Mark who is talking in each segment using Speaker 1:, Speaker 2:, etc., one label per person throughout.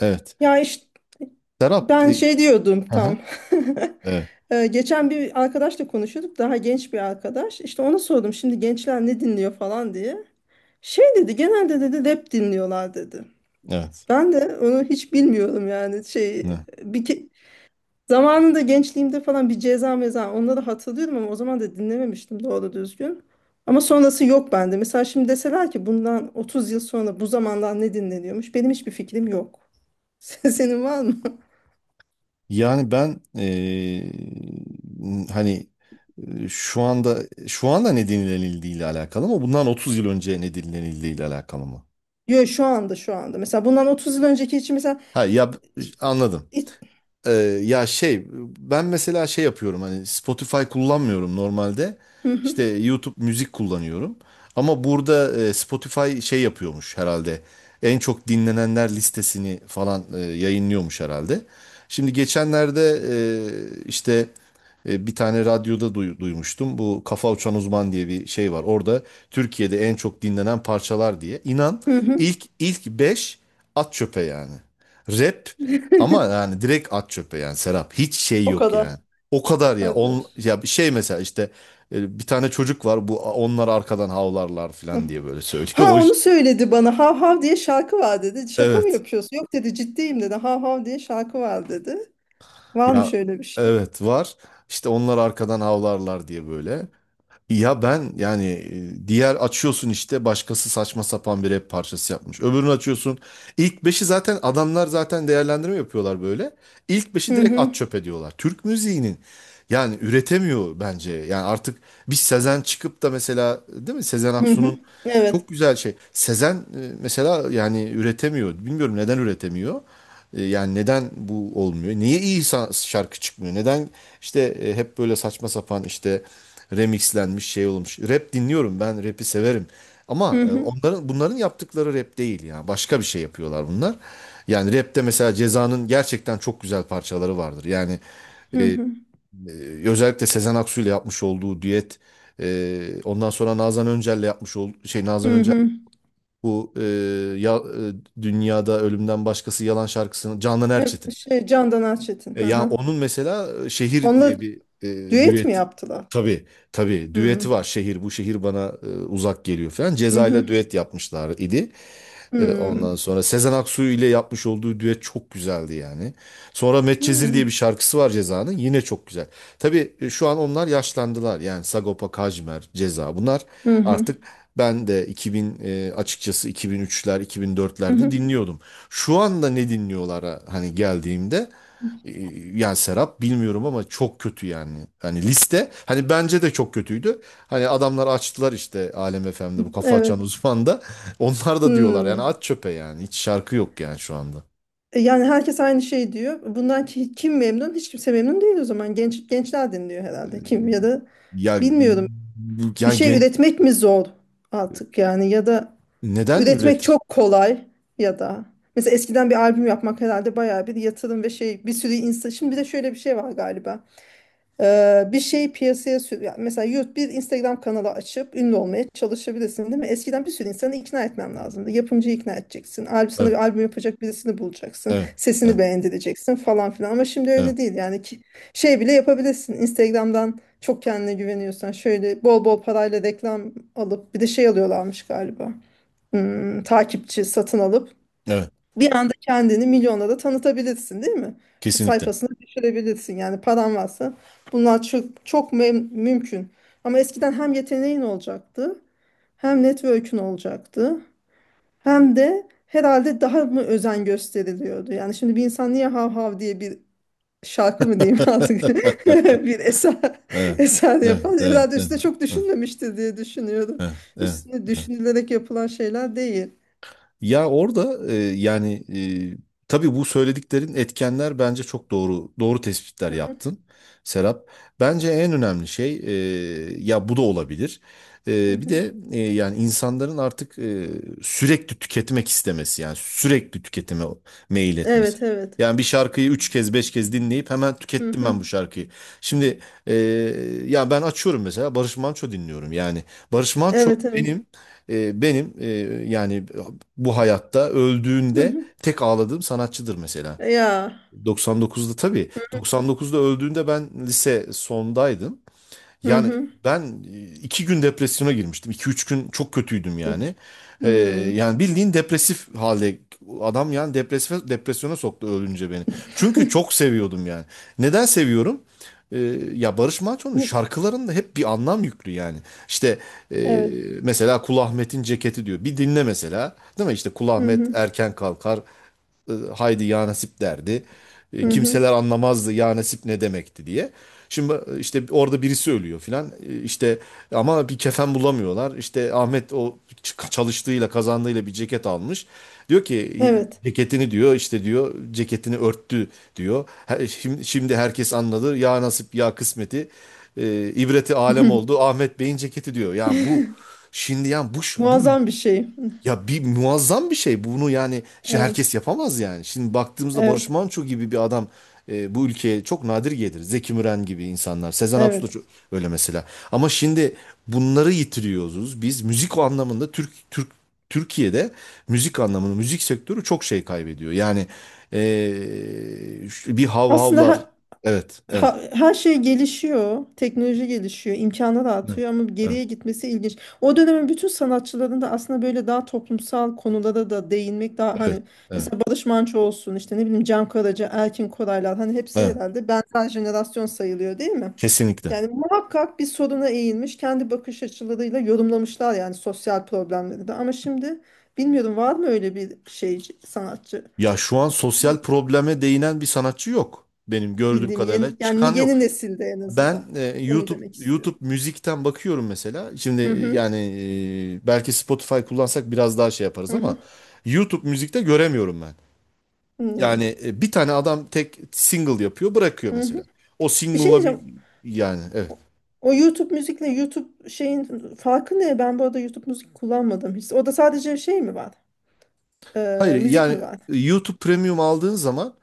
Speaker 1: Evet.
Speaker 2: Ya işte
Speaker 1: Serap,
Speaker 2: ben şey diyordum
Speaker 1: hı
Speaker 2: tam.
Speaker 1: hı, evet,
Speaker 2: Geçen bir arkadaşla konuşuyorduk. Daha genç bir arkadaş. İşte ona sordum şimdi gençler ne dinliyor falan diye. Şey dedi genelde dedi rap dinliyorlar dedi.
Speaker 1: evet.
Speaker 2: Ben de onu hiç bilmiyorum yani şey
Speaker 1: Evet.
Speaker 2: bir ke- zamanında gençliğimde falan bir ceza meza onları hatırlıyorum ama o zaman da dinlememiştim doğru düzgün. Ama sonrası yok bende. Mesela şimdi deseler ki bundan 30 yıl sonra bu zamandan ne dinleniyormuş? Benim hiçbir fikrim yok. Senin var mı?
Speaker 1: Yani ben hani e, şu anda şu anda ne dinlenildiği ile alakalı mı? Bundan 30 yıl önce ne dinlenildiği ile alakalı mı?
Speaker 2: Yo, şu anda şu anda. Mesela bundan 30 yıl önceki için mesela
Speaker 1: Ha, ya, anladım.
Speaker 2: İ-
Speaker 1: Ee, Ya şey, ben mesela şey yapıyorum, hani Spotify kullanmıyorum normalde,
Speaker 2: hı hı,
Speaker 1: işte YouTube müzik kullanıyorum ama burada Spotify şey yapıyormuş herhalde, en çok dinlenenler listesini falan yayınlıyormuş herhalde. Şimdi geçenlerde işte bir tane radyoda duymuştum, bu Kafa Uçan Uzman diye bir şey var orada, Türkiye'de en çok dinlenen parçalar diye, inan,
Speaker 2: hı hı.
Speaker 1: ilk 5 at çöpe yani. Rap, ama yani direkt at çöpe yani Serap. Hiç şey
Speaker 2: O
Speaker 1: yok yani.
Speaker 2: kadar.
Speaker 1: O kadar ya.
Speaker 2: Hadi.
Speaker 1: Ya bir şey mesela, işte bir tane çocuk var. Bu, onlar arkadan havlarlar
Speaker 2: Hı.
Speaker 1: falan diye böyle söylüyor.
Speaker 2: Ha onu söyledi bana. Hav hav diye şarkı var dedi. Şaka mı
Speaker 1: Evet.
Speaker 2: yapıyorsun? Yok dedi ciddiyim dedi. Hav hav diye şarkı var dedi. Var mı
Speaker 1: Ya,
Speaker 2: şöyle bir şey?
Speaker 1: evet, var. İşte onlar arkadan havlarlar diye böyle. Ya ben yani, diğer açıyorsun, işte başkası saçma sapan bir rap parçası yapmış. Öbürünü açıyorsun. İlk beşi zaten, adamlar zaten değerlendirme yapıyorlar böyle. İlk beşi
Speaker 2: Hı
Speaker 1: direkt
Speaker 2: hı.
Speaker 1: at çöpe diyorlar. Türk müziğinin yani üretemiyor bence. Yani artık bir Sezen çıkıp da mesela, değil mi, Sezen
Speaker 2: Hı hı.
Speaker 1: Aksu'nun
Speaker 2: Evet.
Speaker 1: çok güzel şey. Sezen mesela yani üretemiyor. Bilmiyorum neden üretemiyor. Yani neden bu olmuyor? Niye iyi şarkı çıkmıyor? Neden işte hep böyle saçma sapan, işte remixlenmiş şey olmuş. Rap dinliyorum, ben rap'i severim. Ama
Speaker 2: Hı hı.
Speaker 1: onların, bunların yaptıkları rap değil ya. Başka bir şey yapıyorlar bunlar. Yani rap'te mesela Ceza'nın gerçekten çok güzel parçaları vardır. Yani,
Speaker 2: Hı
Speaker 1: e,
Speaker 2: hı.
Speaker 1: e, özellikle Sezen Aksu ile yapmış olduğu düet, ondan sonra Nazan Öncel'le yapmış olduğu şey, Nazan
Speaker 2: Hı
Speaker 1: Öncel,
Speaker 2: hı.
Speaker 1: bu, ya, dünyada ölümden başkası yalan şarkısını Canan
Speaker 2: Evet,
Speaker 1: Erçetin,
Speaker 2: şey Candan Erçetin. Hı
Speaker 1: ya
Speaker 2: hı.
Speaker 1: onun mesela Şehir
Speaker 2: Onunla
Speaker 1: diye bir
Speaker 2: düet mi
Speaker 1: düet,
Speaker 2: yaptılar?
Speaker 1: tabii, tabii
Speaker 2: Hı
Speaker 1: düeti
Speaker 2: hı.
Speaker 1: var. Şehir, bu şehir bana uzak geliyor falan.
Speaker 2: Hı
Speaker 1: Ceza
Speaker 2: hı.
Speaker 1: ile düet yapmışlar idi.
Speaker 2: Hı hı.
Speaker 1: Ondan sonra Sezen Aksu ile yapmış olduğu düet çok güzeldi yani. Sonra
Speaker 2: Hı
Speaker 1: Medcezir diye bir şarkısı var Ceza'nın. Yine çok güzel. Tabii şu an onlar yaşlandılar. Yani Sagopa Kajmer, Ceza, bunlar
Speaker 2: hı.
Speaker 1: artık... Ben de 2000, açıkçası 2003'ler,
Speaker 2: Hı
Speaker 1: 2004'lerde
Speaker 2: hı.
Speaker 1: dinliyordum. Şu anda ne dinliyorlara hani geldiğimde, e, yani Serap, bilmiyorum ama çok kötü yani. Hani liste, hani bence de çok kötüydü. Hani adamlar açtılar, işte Alem FM'de bu kafa açan
Speaker 2: Evet.
Speaker 1: uzman da. Onlar da diyorlar yani
Speaker 2: Hı.
Speaker 1: at çöpe yani. Hiç şarkı yok yani şu anda.
Speaker 2: Yani herkes aynı şey diyor. Kim memnun? Hiç kimse memnun değil o zaman. Gençler dinliyor herhalde. Kim ya da
Speaker 1: Ya
Speaker 2: bilmiyorum. Bir
Speaker 1: yani
Speaker 2: şey üretmek mi zor artık yani ya da
Speaker 1: neden
Speaker 2: üretmek
Speaker 1: üretir?
Speaker 2: çok kolay ya da mesela eskiden bir albüm yapmak herhalde bayağı bir yatırım ve şey bir sürü insan. Şimdi bir de şöyle bir şey var galiba. Bir şeyi piyasaya sür ya mesela YouTube bir Instagram kanalı açıp ünlü olmaya çalışabilirsin değil mi? Eskiden bir sürü insanı ikna etmem lazımdı. Yapımcıyı ikna edeceksin. Albüm sana
Speaker 1: Evet,
Speaker 2: bir albüm yapacak birisini bulacaksın.
Speaker 1: evet,
Speaker 2: Sesini
Speaker 1: evet,
Speaker 2: beğendireceksin falan filan. Ama şimdi öyle
Speaker 1: evet,
Speaker 2: değil yani ki şey bile yapabilirsin. Instagram'dan çok kendine güveniyorsan şöyle bol bol parayla reklam alıp bir de şey alıyorlarmış galiba. Takipçi satın alıp
Speaker 1: evet.
Speaker 2: bir anda kendini milyonlara tanıtabilirsin, değil mi?
Speaker 1: Kesinlikle.
Speaker 2: Sayfasına düşürebilirsin. Yani paran varsa bunlar çok, mümkün. Ama eskiden hem yeteneğin olacaktı, hem network'ün olacaktı, hem de herhalde daha mı özen gösteriliyordu. Yani şimdi bir insan niye hav hav diye bir şarkı mı diyeyim artık bir eser
Speaker 1: Evet,
Speaker 2: eser
Speaker 1: evet,
Speaker 2: yapar.
Speaker 1: evet,
Speaker 2: Herhalde
Speaker 1: evet,
Speaker 2: üstüne çok düşünmemiştir diye düşünüyorum.
Speaker 1: evet, evet,
Speaker 2: Üstüne
Speaker 1: evet.
Speaker 2: düşünülerek yapılan şeyler değil.
Speaker 1: Ya orada, yani, tabii bu söylediklerin etkenler bence çok doğru, doğru tespitler
Speaker 2: Hı hı,
Speaker 1: yaptın Serap. Bence en önemli şey, ya bu da olabilir.
Speaker 2: hı
Speaker 1: Bir
Speaker 2: hı.
Speaker 1: de yani insanların artık sürekli tüketmek istemesi, yani sürekli tüketime meyil etmesi.
Speaker 2: Evet, evet.
Speaker 1: Yani bir şarkıyı üç kez, beş kez dinleyip hemen
Speaker 2: Hı
Speaker 1: tükettim
Speaker 2: hı.
Speaker 1: ben bu şarkıyı. Şimdi e, ya ben açıyorum mesela, Barış Manço dinliyorum yani. Barış Manço
Speaker 2: Evet, evet.
Speaker 1: benim, yani bu hayatta
Speaker 2: Hı
Speaker 1: öldüğünde
Speaker 2: hı.
Speaker 1: tek ağladığım sanatçıdır mesela.
Speaker 2: Ya.
Speaker 1: 99'da, tabii, 99'da öldüğünde ben lise sondaydım.
Speaker 2: Hı
Speaker 1: Yani
Speaker 2: hı.
Speaker 1: ben iki gün depresyona girmiştim. İki üç gün çok kötüydüm
Speaker 2: Hı.
Speaker 1: yani. Ee,
Speaker 2: Hı.
Speaker 1: Yani bildiğin depresif halde adam, yani depresif, depresyona soktu ölünce beni. Çünkü çok seviyordum yani. Neden seviyorum? Ee, Ya, Barış Manço'nun şarkılarında hep bir anlam yüklü yani. İşte e,
Speaker 2: Evet.
Speaker 1: mesela Kul Ahmet'in ceketi diyor. Bir dinle mesela. Değil mi? İşte Kul
Speaker 2: Hı
Speaker 1: Ahmet
Speaker 2: hı.
Speaker 1: erken kalkar, haydi ya nasip derdi.
Speaker 2: Hı hı.
Speaker 1: Kimseler anlamazdı ya nasip ne demekti diye. Şimdi işte orada birisi ölüyor filan. İşte ama bir kefen bulamıyorlar. İşte Ahmet o çalıştığıyla, kazandığıyla bir ceket almış. Diyor ki,
Speaker 2: Evet.
Speaker 1: ceketini diyor, işte diyor, ceketini örttü diyor. Şimdi herkes anladı ya nasip, ya kısmeti, ibreti
Speaker 2: Hı
Speaker 1: alem
Speaker 2: hı.
Speaker 1: oldu Ahmet Bey'in ceketi diyor. Yani bu şimdi yani, bu
Speaker 2: Muazzam bir şey.
Speaker 1: ya, bir muazzam bir şey. Bunu yani şimdi
Speaker 2: Evet.
Speaker 1: herkes yapamaz yani. Şimdi baktığımızda, Barış
Speaker 2: Evet.
Speaker 1: Manço gibi bir adam bu ülkeye çok nadir gelir. Zeki Müren gibi insanlar, Sezen Aksu da
Speaker 2: Evet.
Speaker 1: öyle mesela. Ama şimdi bunları yitiriyoruz. Biz müzik o anlamında, Türkiye'de müzik anlamında, müzik sektörü çok şey kaybediyor. Yani bir hav
Speaker 2: Aslında
Speaker 1: havlar.
Speaker 2: ha-
Speaker 1: Evet, evet.
Speaker 2: ha- Her şey gelişiyor, teknoloji gelişiyor, imkanlar
Speaker 1: Evet.
Speaker 2: artıyor ama
Speaker 1: Evet.
Speaker 2: geriye gitmesi ilginç. O dönemin bütün sanatçıların da aslında böyle daha toplumsal konulara da değinmek daha
Speaker 1: Evet.
Speaker 2: hani
Speaker 1: Evet.
Speaker 2: mesela Barış Manço olsun işte ne bileyim Can Karaca, Erkin Koraylar hani hepsi
Speaker 1: Evet.
Speaker 2: herhalde benzer jenerasyon sayılıyor değil mi?
Speaker 1: Kesinlikle.
Speaker 2: Yani muhakkak bir soruna eğilmiş, kendi bakış açılarıyla yorumlamışlar yani sosyal problemleri de. Ama şimdi bilmiyorum var mı öyle bir şey sanatçı
Speaker 1: Ya şu an sosyal probleme değinen bir sanatçı yok. Benim gördüğüm
Speaker 2: bildiğim
Speaker 1: kadarıyla
Speaker 2: yeni
Speaker 1: çıkan
Speaker 2: yani
Speaker 1: yok.
Speaker 2: yeni nesilde en
Speaker 1: Ben
Speaker 2: azından. Onu
Speaker 1: YouTube
Speaker 2: demek
Speaker 1: YouTube
Speaker 2: istiyorum.
Speaker 1: müzikten bakıyorum mesela. Şimdi
Speaker 2: Hı hı,
Speaker 1: yani, belki Spotify kullansak biraz daha şey yaparız
Speaker 2: hı hı,
Speaker 1: ama YouTube müzikte göremiyorum ben. Yani bir tane adam tek single yapıyor, bırakıyor
Speaker 2: hı
Speaker 1: mesela.
Speaker 2: hı.
Speaker 1: O
Speaker 2: Bir şey
Speaker 1: single'la bir,
Speaker 2: diyeceğim.
Speaker 1: yani, evet.
Speaker 2: O o YouTube müzikle YouTube şeyin farkı ne? Ben bu arada YouTube müzik kullanmadım hiç. O da sadece şey mi var?
Speaker 1: Hayır
Speaker 2: Müzik
Speaker 1: yani,
Speaker 2: mi var?
Speaker 1: YouTube Premium aldığın zaman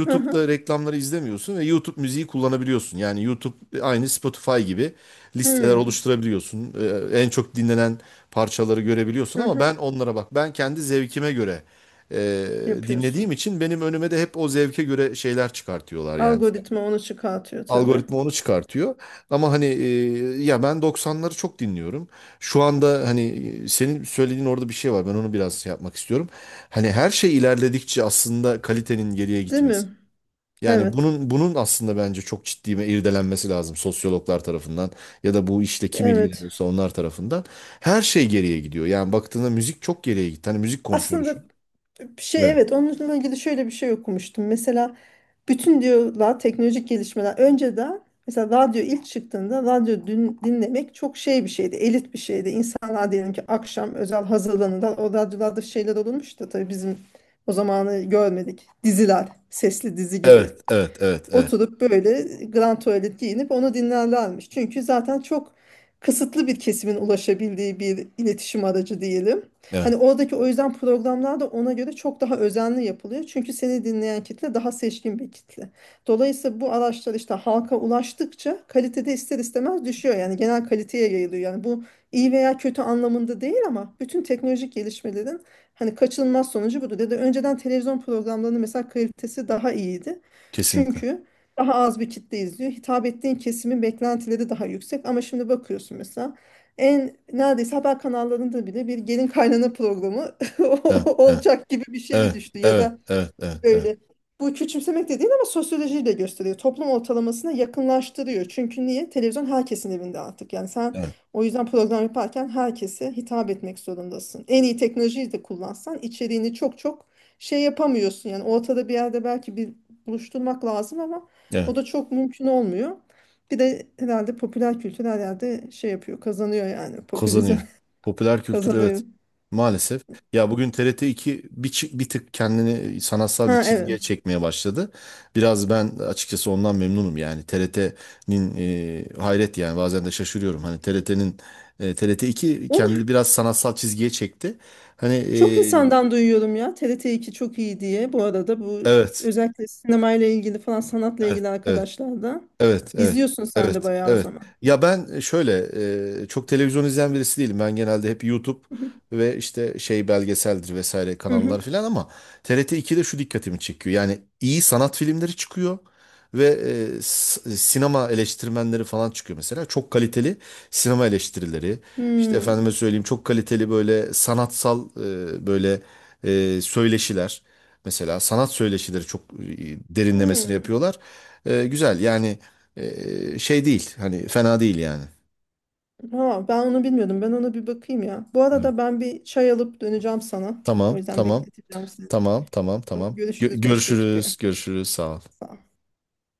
Speaker 2: Hı hı,
Speaker 1: reklamları izlemiyorsun ve YouTube müziği kullanabiliyorsun. Yani YouTube, aynı Spotify gibi listeler
Speaker 2: hı
Speaker 1: oluşturabiliyorsun. En çok dinlenen parçaları görebiliyorsun
Speaker 2: hı.
Speaker 1: ama ben
Speaker 2: Hı.
Speaker 1: onlara bak. Ben kendi zevkime göre e, dinlediğim
Speaker 2: Yapıyorsun.
Speaker 1: için benim önüme de hep o zevke göre şeyler çıkartıyorlar yani.
Speaker 2: Algoritma onu çıkartıyor tabii.
Speaker 1: Algoritma onu çıkartıyor. Ama hani, ya ben doksanları çok dinliyorum. Şu anda hani, senin söylediğin orada bir şey var. Ben onu biraz şey yapmak istiyorum. Hani her şey ilerledikçe aslında kalitenin geriye
Speaker 2: Değil
Speaker 1: gitmesi.
Speaker 2: mi?
Speaker 1: Yani
Speaker 2: Evet.
Speaker 1: bunun aslında bence çok ciddi bir irdelenmesi lazım sosyologlar tarafından, ya da bu işle kim
Speaker 2: Evet.
Speaker 1: ilgileniyorsa onlar tarafından. Her şey geriye gidiyor. Yani baktığında müzik çok geriye gitti. Hani müzik konuşuyoruz şu
Speaker 2: Aslında
Speaker 1: an.
Speaker 2: bir şey
Speaker 1: Evet.
Speaker 2: evet onunla ilgili şöyle bir şey okumuştum. Mesela bütün diyorlar teknolojik gelişmeler. Önceden mesela radyo ilk çıktığında radyo dün, dinlemek çok şey bir şeydi. Elit bir şeydi. İnsanlar diyelim ki akşam özel hazırlanırlar. O radyolarda şeyler olurmuş da tabii bizim o zamanı görmedik. Diziler, sesli dizi gibi.
Speaker 1: Evet, evet, evet, evet,
Speaker 2: Oturup böyle grand tuvalet giyinip onu dinlerlermiş. Çünkü zaten çok kısıtlı bir kesimin ulaşabildiği bir iletişim aracı diyelim.
Speaker 1: evet.
Speaker 2: Hani oradaki o yüzden programlar da ona göre çok daha özenli yapılıyor. Çünkü seni dinleyen kitle daha seçkin bir kitle. Dolayısıyla bu araçlar işte halka ulaştıkça kalitede ister istemez düşüyor. Yani genel kaliteye yayılıyor. Yani bu iyi veya kötü anlamında değil ama bütün teknolojik gelişmelerin hani kaçınılmaz sonucu budur. Dedi önceden televizyon programlarının mesela kalitesi daha iyiydi.
Speaker 1: Kesinlikle.
Speaker 2: Çünkü daha az bir kitle izliyor. Hitap ettiğin kesimin beklentileri daha yüksek. Ama şimdi bakıyorsun mesela en neredeyse haber kanallarında bile bir gelin kaynana programı
Speaker 1: Evet, evet,
Speaker 2: olacak gibi bir şeye
Speaker 1: evet,
Speaker 2: düştü ya
Speaker 1: evet,
Speaker 2: da
Speaker 1: evet, evet, evet.
Speaker 2: böyle. Bu küçümsemek de değil ama sosyolojiyi de gösteriyor. Toplum ortalamasına yakınlaştırıyor. Çünkü niye? Televizyon herkesin evinde artık. Yani sen
Speaker 1: Evet.
Speaker 2: o yüzden program yaparken herkese hitap etmek zorundasın. En iyi teknolojiyi de kullansan içeriğini çok, çok şey yapamıyorsun. Yani ortada bir yerde belki bir buluşturmak lazım ama
Speaker 1: Evet,
Speaker 2: o da çok mümkün olmuyor. Bir de herhalde popüler kültür her yerde şey yapıyor, kazanıyor yani. Popülizm
Speaker 1: kazanıyor. Popüler kültür,
Speaker 2: kazanıyor.
Speaker 1: evet. Maalesef. Ya bugün TRT 2 bir tık kendini sanatsal bir
Speaker 2: Ha
Speaker 1: çizgiye
Speaker 2: evet.
Speaker 1: çekmeye başladı. Biraz ben açıkçası ondan memnunum yani. TRT'nin, hayret yani bazen de şaşırıyorum. Hani TRT 2
Speaker 2: Onu
Speaker 1: kendini biraz sanatsal çizgiye çekti. Hani,
Speaker 2: çok insandan duyuyorum ya TRT2 çok iyi diye. Bu arada bu
Speaker 1: evet,
Speaker 2: özellikle sinemayla ilgili falan sanatla
Speaker 1: evet,
Speaker 2: ilgili
Speaker 1: evet.
Speaker 2: arkadaşlar da
Speaker 1: Evet, evet,
Speaker 2: izliyorsun sen de
Speaker 1: evet,
Speaker 2: bayağı o
Speaker 1: evet.
Speaker 2: zaman.
Speaker 1: Ya ben şöyle, çok televizyon izleyen birisi değilim. Ben genelde hep YouTube ve işte şey belgeseldir vesaire
Speaker 2: Hı hı.
Speaker 1: kanallar filan, ama TRT 2'de şu dikkatimi çekiyor. Yani iyi sanat filmleri çıkıyor ve sinema eleştirmenleri falan çıkıyor mesela. Çok kaliteli sinema eleştirileri. İşte,
Speaker 2: Hmm.
Speaker 1: efendime söyleyeyim, çok kaliteli böyle sanatsal, böyle söyleşiler. Mesela sanat söyleşileri çok derinlemesine
Speaker 2: Hmm.
Speaker 1: yapıyorlar. Güzel yani, şey değil. Hani fena değil yani.
Speaker 2: Ha, ben onu bilmiyordum. Ben ona bir bakayım ya. Bu
Speaker 1: Evet.
Speaker 2: arada ben bir çay alıp döneceğim sana. O
Speaker 1: Tamam,
Speaker 2: yüzden
Speaker 1: tamam,
Speaker 2: bekleteceğim sizi.
Speaker 1: tamam, tamam,
Speaker 2: O zaman
Speaker 1: tamam. Gö-
Speaker 2: görüşürüz 5 dakikaya.
Speaker 1: görüşürüz, görüşürüz. Sağ ol.
Speaker 2: Sağ ol.